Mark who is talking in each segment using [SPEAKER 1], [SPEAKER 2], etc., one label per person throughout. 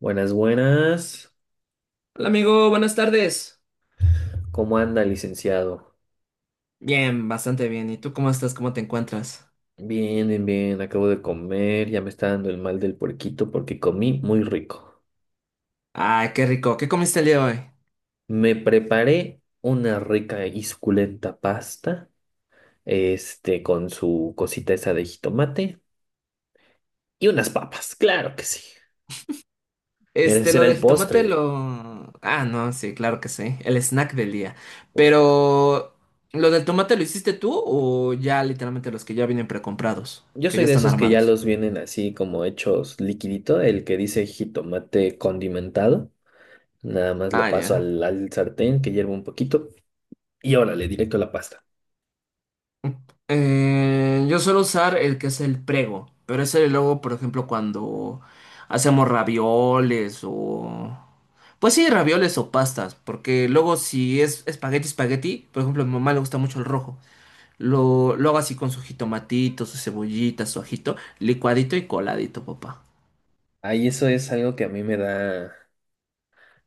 [SPEAKER 1] Buenas, buenas.
[SPEAKER 2] Hola amigo, buenas tardes.
[SPEAKER 1] ¿Cómo anda, licenciado?
[SPEAKER 2] Bien, bastante bien. ¿Y tú cómo estás? ¿Cómo te encuentras?
[SPEAKER 1] Bien, bien, bien. Acabo de comer. Ya me está dando el mal del puerquito porque comí muy rico.
[SPEAKER 2] Ay, qué rico. ¿Qué comiste el día de hoy?
[SPEAKER 1] Me preparé una rica y suculenta pasta, con su cosita esa de jitomate y unas papas. Claro que sí. Ese
[SPEAKER 2] Lo
[SPEAKER 1] era
[SPEAKER 2] de
[SPEAKER 1] el
[SPEAKER 2] jitomate,
[SPEAKER 1] postre,
[SPEAKER 2] lo... Ah, no, sí, claro que sí. El snack del día.
[SPEAKER 1] por supuesto.
[SPEAKER 2] Pero, ¿lo del tomate lo hiciste tú o ya literalmente los que ya vienen precomprados?
[SPEAKER 1] Yo
[SPEAKER 2] Que
[SPEAKER 1] soy
[SPEAKER 2] ya
[SPEAKER 1] de
[SPEAKER 2] están
[SPEAKER 1] esos que ya
[SPEAKER 2] armados.
[SPEAKER 1] los vienen así como hechos liquidito, el que dice jitomate condimentado. Nada más
[SPEAKER 2] Ah,
[SPEAKER 1] lo paso
[SPEAKER 2] ya.
[SPEAKER 1] al sartén que hierva un poquito y órale, directo a la pasta.
[SPEAKER 2] Yo suelo usar el que es el prego, pero ese luego, por ejemplo, cuando hacemos ravioles o... Pues sí, ravioles o pastas, porque luego si es espagueti, espagueti, por ejemplo, a mi mamá le gusta mucho el rojo. Lo hago así con su jitomatito, su cebollita, su ajito, licuadito y coladito, papá.
[SPEAKER 1] Ahí eso es algo que a mí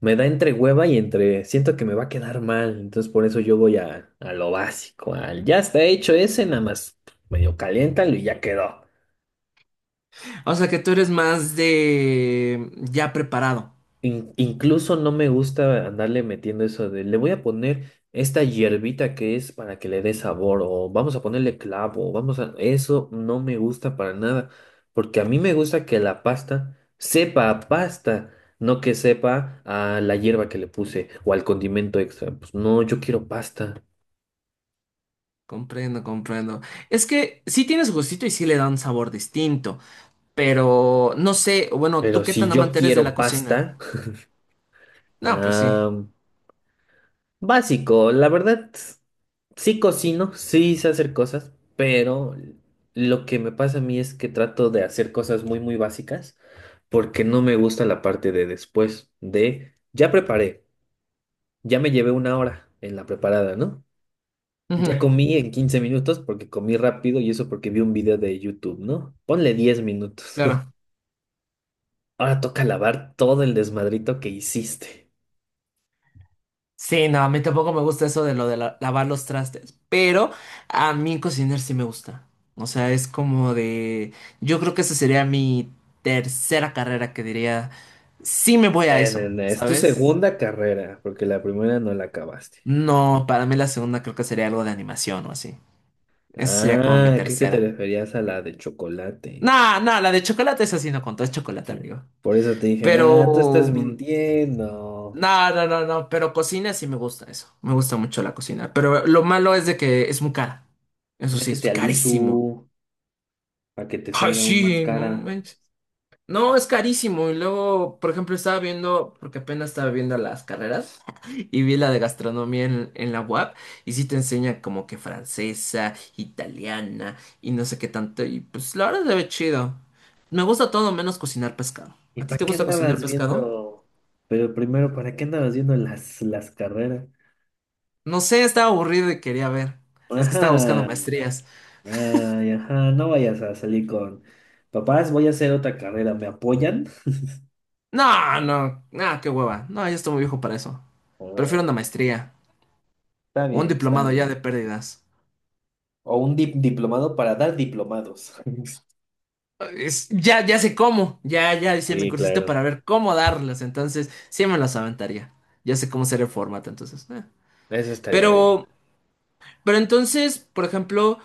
[SPEAKER 1] me da entre hueva y entre, siento que me va a quedar mal, entonces por eso yo voy a lo básico, al ya está hecho ese, nada más medio caliéntalo y ya quedó.
[SPEAKER 2] O sea que tú eres más de ya preparado.
[SPEAKER 1] Incluso no me gusta andarle metiendo eso de le voy a poner esta hierbita que es para que le dé sabor o vamos a ponerle clavo, o vamos a... Eso no me gusta para nada, porque a mí me gusta que la pasta sepa a pasta, no que sepa a la hierba que le puse o al condimento extra. Pues no, yo quiero pasta,
[SPEAKER 2] Comprendo, comprendo. Es que sí tiene su gustito y sí le da un sabor distinto. Pero no sé, bueno, ¿tú
[SPEAKER 1] pero
[SPEAKER 2] qué
[SPEAKER 1] si
[SPEAKER 2] tan
[SPEAKER 1] yo
[SPEAKER 2] amante eres de la
[SPEAKER 1] quiero
[SPEAKER 2] cocina?
[SPEAKER 1] pasta,
[SPEAKER 2] No, pues sí.
[SPEAKER 1] ah, básico, la verdad. Sí cocino, sí sé hacer cosas, pero lo que me pasa a mí es que trato de hacer cosas muy básicas porque no me gusta la parte de después, de ya preparé, ya me llevé 1 hora en la preparada, ¿no? Ya
[SPEAKER 2] Ujú,
[SPEAKER 1] comí en 15 minutos porque comí rápido, y eso porque vi un video de YouTube, ¿no? Ponle 10 minutos.
[SPEAKER 2] claro.
[SPEAKER 1] Ahora toca lavar todo el desmadrito que hiciste.
[SPEAKER 2] Sí, no, a mí tampoco me gusta eso de lavar los trastes, pero a mí cocinar sí me gusta. O sea, es como de... Yo creo que esa sería mi tercera carrera que diría, sí me voy a
[SPEAKER 1] No,
[SPEAKER 2] eso,
[SPEAKER 1] no, Es tu
[SPEAKER 2] ¿sabes?
[SPEAKER 1] segunda carrera porque la primera no la acabaste.
[SPEAKER 2] No, para mí la segunda creo que sería algo de animación o así. Esa sería como mi
[SPEAKER 1] Ah, creo que te
[SPEAKER 2] tercera.
[SPEAKER 1] referías a la de chocolate.
[SPEAKER 2] No, no, la de chocolate es así, no contó, es chocolate, amigo.
[SPEAKER 1] Por eso te dije,
[SPEAKER 2] Pero...
[SPEAKER 1] ah, tú estás
[SPEAKER 2] mm,
[SPEAKER 1] mintiendo.
[SPEAKER 2] No, no, no, no, pero cocina sí me gusta eso. Me gusta mucho la cocina. Pero lo malo es de que es muy cara. Eso sí,
[SPEAKER 1] Métete
[SPEAKER 2] es
[SPEAKER 1] al
[SPEAKER 2] carísimo.
[SPEAKER 1] ISU para que te
[SPEAKER 2] Ay,
[SPEAKER 1] salga aún más
[SPEAKER 2] sí, no
[SPEAKER 1] cara.
[SPEAKER 2] manches. No, es carísimo. Y luego, por ejemplo, estaba viendo, porque apenas estaba viendo las carreras, y vi la de gastronomía en la UAP, y sí te enseña como que francesa, italiana, y no sé qué tanto. Y pues la verdad se ve chido. Me gusta todo menos cocinar pescado.
[SPEAKER 1] ¿Y
[SPEAKER 2] ¿A ti
[SPEAKER 1] para
[SPEAKER 2] te
[SPEAKER 1] qué
[SPEAKER 2] gusta cocinar
[SPEAKER 1] andabas
[SPEAKER 2] pescado?
[SPEAKER 1] viendo? Pero primero, ¿para qué andabas viendo las carreras?
[SPEAKER 2] No sé, estaba aburrido y quería ver. Es que estaba buscando
[SPEAKER 1] Ajá,
[SPEAKER 2] maestrías.
[SPEAKER 1] ay, ajá, no vayas a salir con papás, voy a hacer otra carrera, ¿me apoyan?
[SPEAKER 2] No, qué hueva. No, yo estoy muy viejo para eso. Prefiero una
[SPEAKER 1] Ah,
[SPEAKER 2] maestría
[SPEAKER 1] está
[SPEAKER 2] o un
[SPEAKER 1] bien, está
[SPEAKER 2] diplomado ya
[SPEAKER 1] bien.
[SPEAKER 2] de pérdidas.
[SPEAKER 1] O un diplomado para dar diplomados.
[SPEAKER 2] Ya, ya sé cómo. Ya, ya hice mi
[SPEAKER 1] Sí,
[SPEAKER 2] cursito
[SPEAKER 1] claro,
[SPEAKER 2] para ver cómo darlas. Entonces, sí me las aventaría. Ya sé cómo hacer el formato, entonces.
[SPEAKER 1] eso estaría bien.
[SPEAKER 2] Pero, pero entonces, por ejemplo,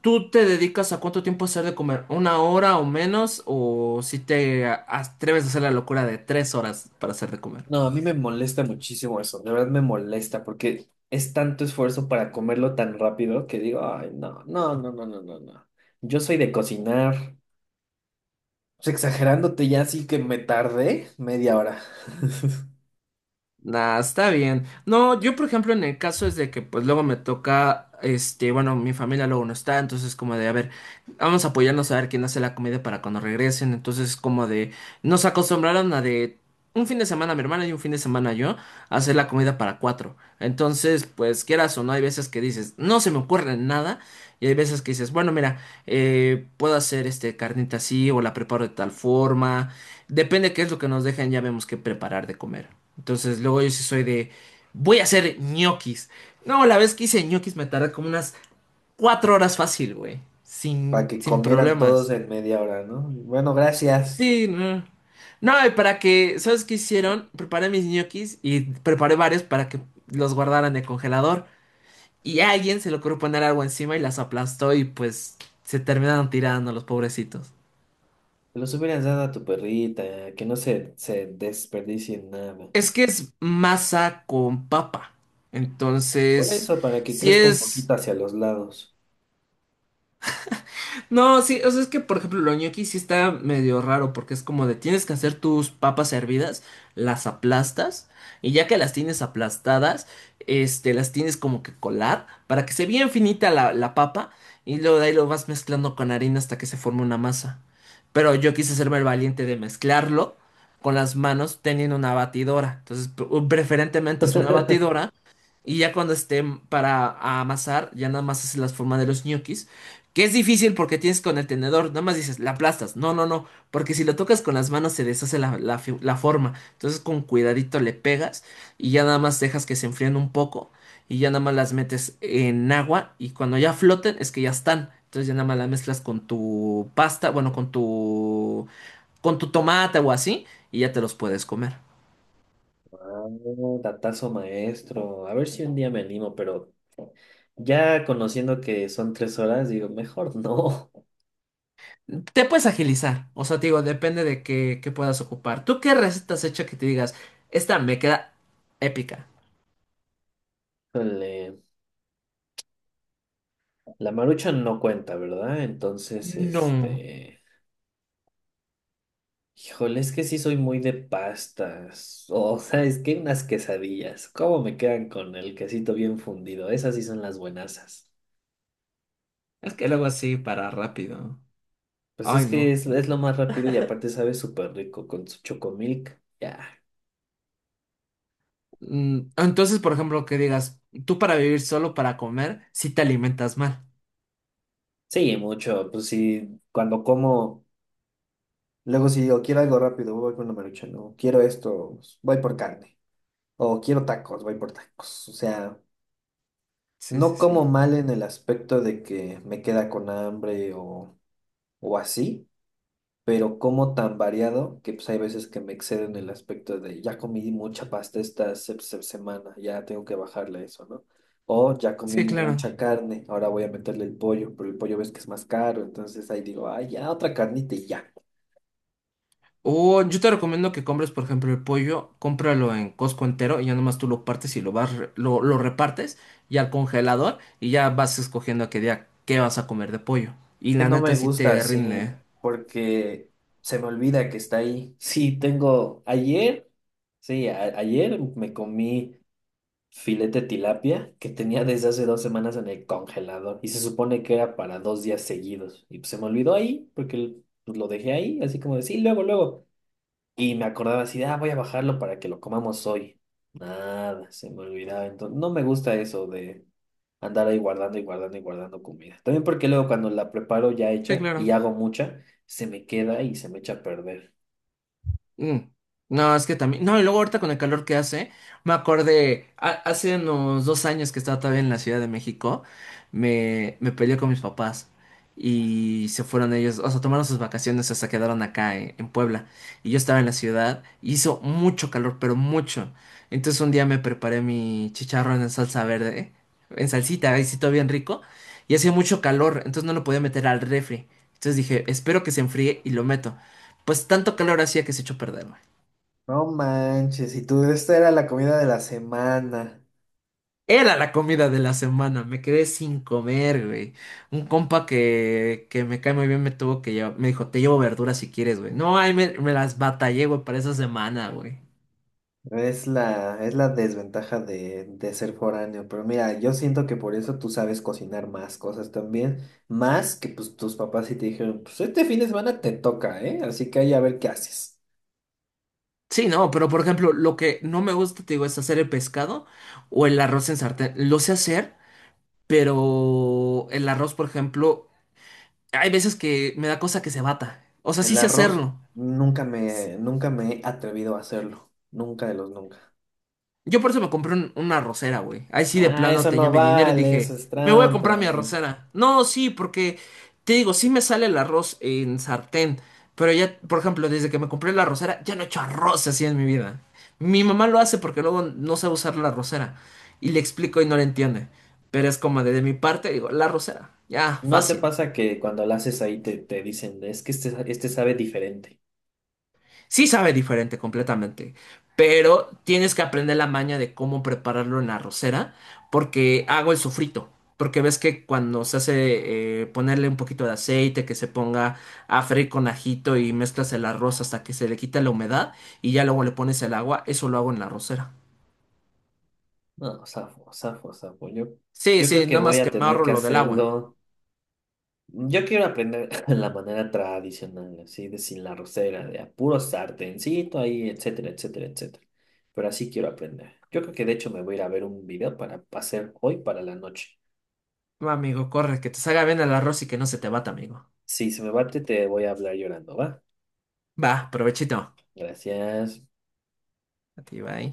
[SPEAKER 2] ¿tú te dedicas a cuánto tiempo hacer de comer? ¿Una hora o menos? ¿O si atreves a hacer la locura de tres horas para hacer de comer?
[SPEAKER 1] No, a mí me molesta muchísimo eso, de verdad me molesta porque es tanto esfuerzo para comerlo tan rápido que digo, ay, no, no, no, no, no, no, no. Yo soy de cocinar. Pues exagerándote ya sí que me tardé 1/2 hora
[SPEAKER 2] Nah, está bien. No, yo por ejemplo en el caso es de que pues luego me toca, bueno, mi familia luego no está, entonces como de, a ver, vamos a apoyarnos a ver quién hace la comida para cuando regresen, entonces como de, nos acostumbraron a de un fin de semana mi hermana y un fin de semana yo a hacer la comida para cuatro. Entonces, pues quieras o no, hay veces que dices, no se me ocurre nada, y hay veces que dices, bueno, mira, puedo hacer este carnita así o la preparo de tal forma. Depende qué es lo que nos dejan, ya vemos qué preparar de comer. Entonces, luego yo sí soy de, voy a hacer ñoquis. No, la vez que hice ñoquis me tardé como unas cuatro horas fácil, güey.
[SPEAKER 1] para
[SPEAKER 2] Sin,
[SPEAKER 1] que
[SPEAKER 2] sin
[SPEAKER 1] comieran todos
[SPEAKER 2] problemas.
[SPEAKER 1] en 1/2 hora, ¿no? Bueno, gracias.
[SPEAKER 2] Sí, no. No, y para que, ¿sabes qué hicieron? Preparé mis ñoquis y preparé varios para que los guardaran en el congelador. Y a alguien se le ocurrió poner agua encima y las aplastó y pues se terminaron tirando los pobrecitos.
[SPEAKER 1] Te los hubieras dado a tu perrita, que no se desperdicie en nada.
[SPEAKER 2] Es que es masa con papa.
[SPEAKER 1] Por
[SPEAKER 2] Entonces,
[SPEAKER 1] eso, para que
[SPEAKER 2] si
[SPEAKER 1] crezca un
[SPEAKER 2] es.
[SPEAKER 1] poquito hacia los lados.
[SPEAKER 2] No, sí, o sea, es que por ejemplo lo ñoqui sí está medio raro porque es como de tienes que hacer tus papas hervidas, las aplastas y ya que las tienes aplastadas, las tienes como que colar para que se vea finita la papa y luego de ahí lo vas mezclando con harina hasta que se forme una masa. Pero yo quise hacerme el valiente de mezclarlo con las manos teniendo una batidora. Entonces, preferentemente es una batidora. Y ya cuando esté para amasar, ya nada más hace las formas de los ñoquis. Que es difícil porque tienes con el tenedor, nada más dices, la aplastas. No, no, no, porque si lo tocas con las manos se deshace la forma. Entonces con cuidadito le pegas y ya nada más dejas que se enfríen un poco y ya nada más las metes en agua y cuando ya floten es que ya están. Entonces ya nada más las mezclas con tu pasta, con tu tomate o así y ya te los puedes comer.
[SPEAKER 1] Ah, datazo maestro. A ver si un día me animo, pero... Ya conociendo que son 3 horas, digo, mejor no.
[SPEAKER 2] Te puedes agilizar, o sea, te digo, depende de qué, qué puedas ocupar. ¿Tú qué recetas hecha que te digas, esta me queda épica?
[SPEAKER 1] Híjole, la marucha no cuenta, ¿verdad? Entonces,
[SPEAKER 2] No,
[SPEAKER 1] este, híjole, es que sí soy muy de pastas. O sea, es que unas quesadillas, ¿cómo me quedan con el quesito bien fundido? Esas sí son las buenasas.
[SPEAKER 2] es que luego así para rápido.
[SPEAKER 1] Pues
[SPEAKER 2] Ay,
[SPEAKER 1] es que
[SPEAKER 2] no.
[SPEAKER 1] es lo más rápido y aparte sabe súper rico con su chocomilk. Ya.
[SPEAKER 2] Entonces, por ejemplo, que digas, tú para vivir solo, para comer, si te alimentas mal.
[SPEAKER 1] Sí, mucho. Pues sí, cuando como, luego si digo, quiero algo rápido, voy con la marucha, no. Quiero esto, voy por carne. O quiero tacos, voy por tacos. O sea,
[SPEAKER 2] Sí, sí,
[SPEAKER 1] no como
[SPEAKER 2] sí.
[SPEAKER 1] mal en el aspecto de que me queda con hambre, o así, pero como tan variado que pues hay veces que me excedo en el aspecto de ya comí mucha pasta esta semana, ya tengo que bajarle a eso, ¿no? O ya comí
[SPEAKER 2] Sí, claro.
[SPEAKER 1] mucha carne, ahora voy a meterle el pollo, pero el pollo ves que es más caro, entonces ahí digo, ay, ya otra carnita y ya.
[SPEAKER 2] O yo te recomiendo que compres, por ejemplo, el pollo, cómpralo en Costco entero y ya nomás tú lo partes y lo vas, lo repartes y al congelador y ya vas escogiendo a qué día qué vas a comer de pollo. Y
[SPEAKER 1] Que
[SPEAKER 2] la
[SPEAKER 1] no
[SPEAKER 2] neta
[SPEAKER 1] me
[SPEAKER 2] sí
[SPEAKER 1] gusta
[SPEAKER 2] te rinde.
[SPEAKER 1] así,
[SPEAKER 2] ¿Eh?
[SPEAKER 1] porque se me olvida que está ahí. Sí, tengo ayer, sí, ayer me comí filete de tilapia que tenía desde hace 2 semanas en el congelador y se supone que era para 2 días seguidos. Y pues se me olvidó ahí porque pues lo dejé ahí, así como decir, luego, luego. Y me acordaba así, de, ah, voy a bajarlo para que lo comamos hoy. Nada, se me olvidaba. Entonces, no me gusta eso de andar ahí guardando y guardando y guardando comida. También porque luego cuando la preparo ya
[SPEAKER 2] Sí,
[SPEAKER 1] hecha y
[SPEAKER 2] claro.
[SPEAKER 1] hago mucha, se me queda y se me echa a perder.
[SPEAKER 2] Mm. No, es que también. No, y luego ahorita con el calor que hace, me acordé, hace unos dos años que estaba todavía en la Ciudad de México, me peleé con mis papás y se fueron ellos, o sea, tomaron sus vacaciones, o sea, quedaron acá en Puebla. Y yo estaba en la ciudad, y hizo mucho calor, pero mucho. Entonces un día me preparé mi chicharrón en salsa verde, en salsita, ahí sí todo bien rico, y hacía mucho calor, entonces no lo podía meter al refri. Entonces dije, espero que se enfríe y lo meto. Pues tanto calor hacía que se echó a perder, güey.
[SPEAKER 1] No manches, y tú, esta era la comida de la semana.
[SPEAKER 2] Era la comida de la semana, me quedé sin comer, güey. Un compa que me cae muy bien me tuvo que llevar, me dijo, te llevo verduras si quieres, güey. No, ay, me las batallé, güey, para esa semana, güey.
[SPEAKER 1] Es la desventaja de ser foráneo, pero mira, yo siento que por eso tú sabes cocinar más cosas también, más que pues tus papás sí te dijeron, pues este fin de semana te toca, ¿eh? Así que ahí a ver qué haces.
[SPEAKER 2] Sí, no, pero por ejemplo, lo que no me gusta, te digo, es hacer el pescado o el arroz en sartén. Lo sé hacer, pero el arroz, por ejemplo, hay veces que me da cosa que se bata. O sea, sí
[SPEAKER 1] El
[SPEAKER 2] sé
[SPEAKER 1] arroz
[SPEAKER 2] hacerlo.
[SPEAKER 1] nunca me he atrevido a hacerlo, nunca de los nunca.
[SPEAKER 2] Yo por eso me compré una arrocera, güey. Ahí sí de
[SPEAKER 1] Ah,
[SPEAKER 2] plano
[SPEAKER 1] eso
[SPEAKER 2] tenía
[SPEAKER 1] no
[SPEAKER 2] mi dinero y
[SPEAKER 1] vale, eso
[SPEAKER 2] dije,
[SPEAKER 1] es
[SPEAKER 2] me voy a comprar
[SPEAKER 1] trampa.
[SPEAKER 2] mi arrocera. No, sí, porque te digo, sí me sale el arroz en sartén, pero ya, por ejemplo, desde que me compré la arrocera, ya no he hecho arroz así en mi vida. Mi mamá lo hace porque luego no sabe usar la arrocera. Y le explico y no le entiende. Pero es como de mi parte, digo, la arrocera. Ya,
[SPEAKER 1] ¿No te
[SPEAKER 2] fácil.
[SPEAKER 1] pasa que cuando lo haces ahí te dicen, es que este sabe diferente?
[SPEAKER 2] Sí sabe diferente completamente, pero tienes que aprender la maña de cómo prepararlo en la arrocera, porque hago el sofrito, porque ves que cuando se hace ponerle un poquito de aceite, que se ponga a freír con ajito y mezclas el arroz hasta que se le quita la humedad y ya luego le pones el agua, eso lo hago en la arrocera.
[SPEAKER 1] No, zafo, zafo, zafo. Yo,
[SPEAKER 2] Sí,
[SPEAKER 1] yo creo
[SPEAKER 2] sí,
[SPEAKER 1] que
[SPEAKER 2] nada
[SPEAKER 1] voy
[SPEAKER 2] más
[SPEAKER 1] a
[SPEAKER 2] que me
[SPEAKER 1] tener
[SPEAKER 2] ahorro
[SPEAKER 1] que
[SPEAKER 2] lo del agua.
[SPEAKER 1] hacerlo. Yo quiero aprender la manera tradicional, así de sin la rosera, de a puro sartencito ahí, etcétera, etcétera, etcétera. Pero así quiero aprender. Yo creo que de hecho me voy a ir a ver un video para hacer hoy para la noche.
[SPEAKER 2] Va, amigo, corre, que te salga bien el arroz y que no se te bata, amigo.
[SPEAKER 1] Si se me bate, te voy a hablar llorando, ¿va?
[SPEAKER 2] Va, provechito.
[SPEAKER 1] Gracias.
[SPEAKER 2] A ti, bye.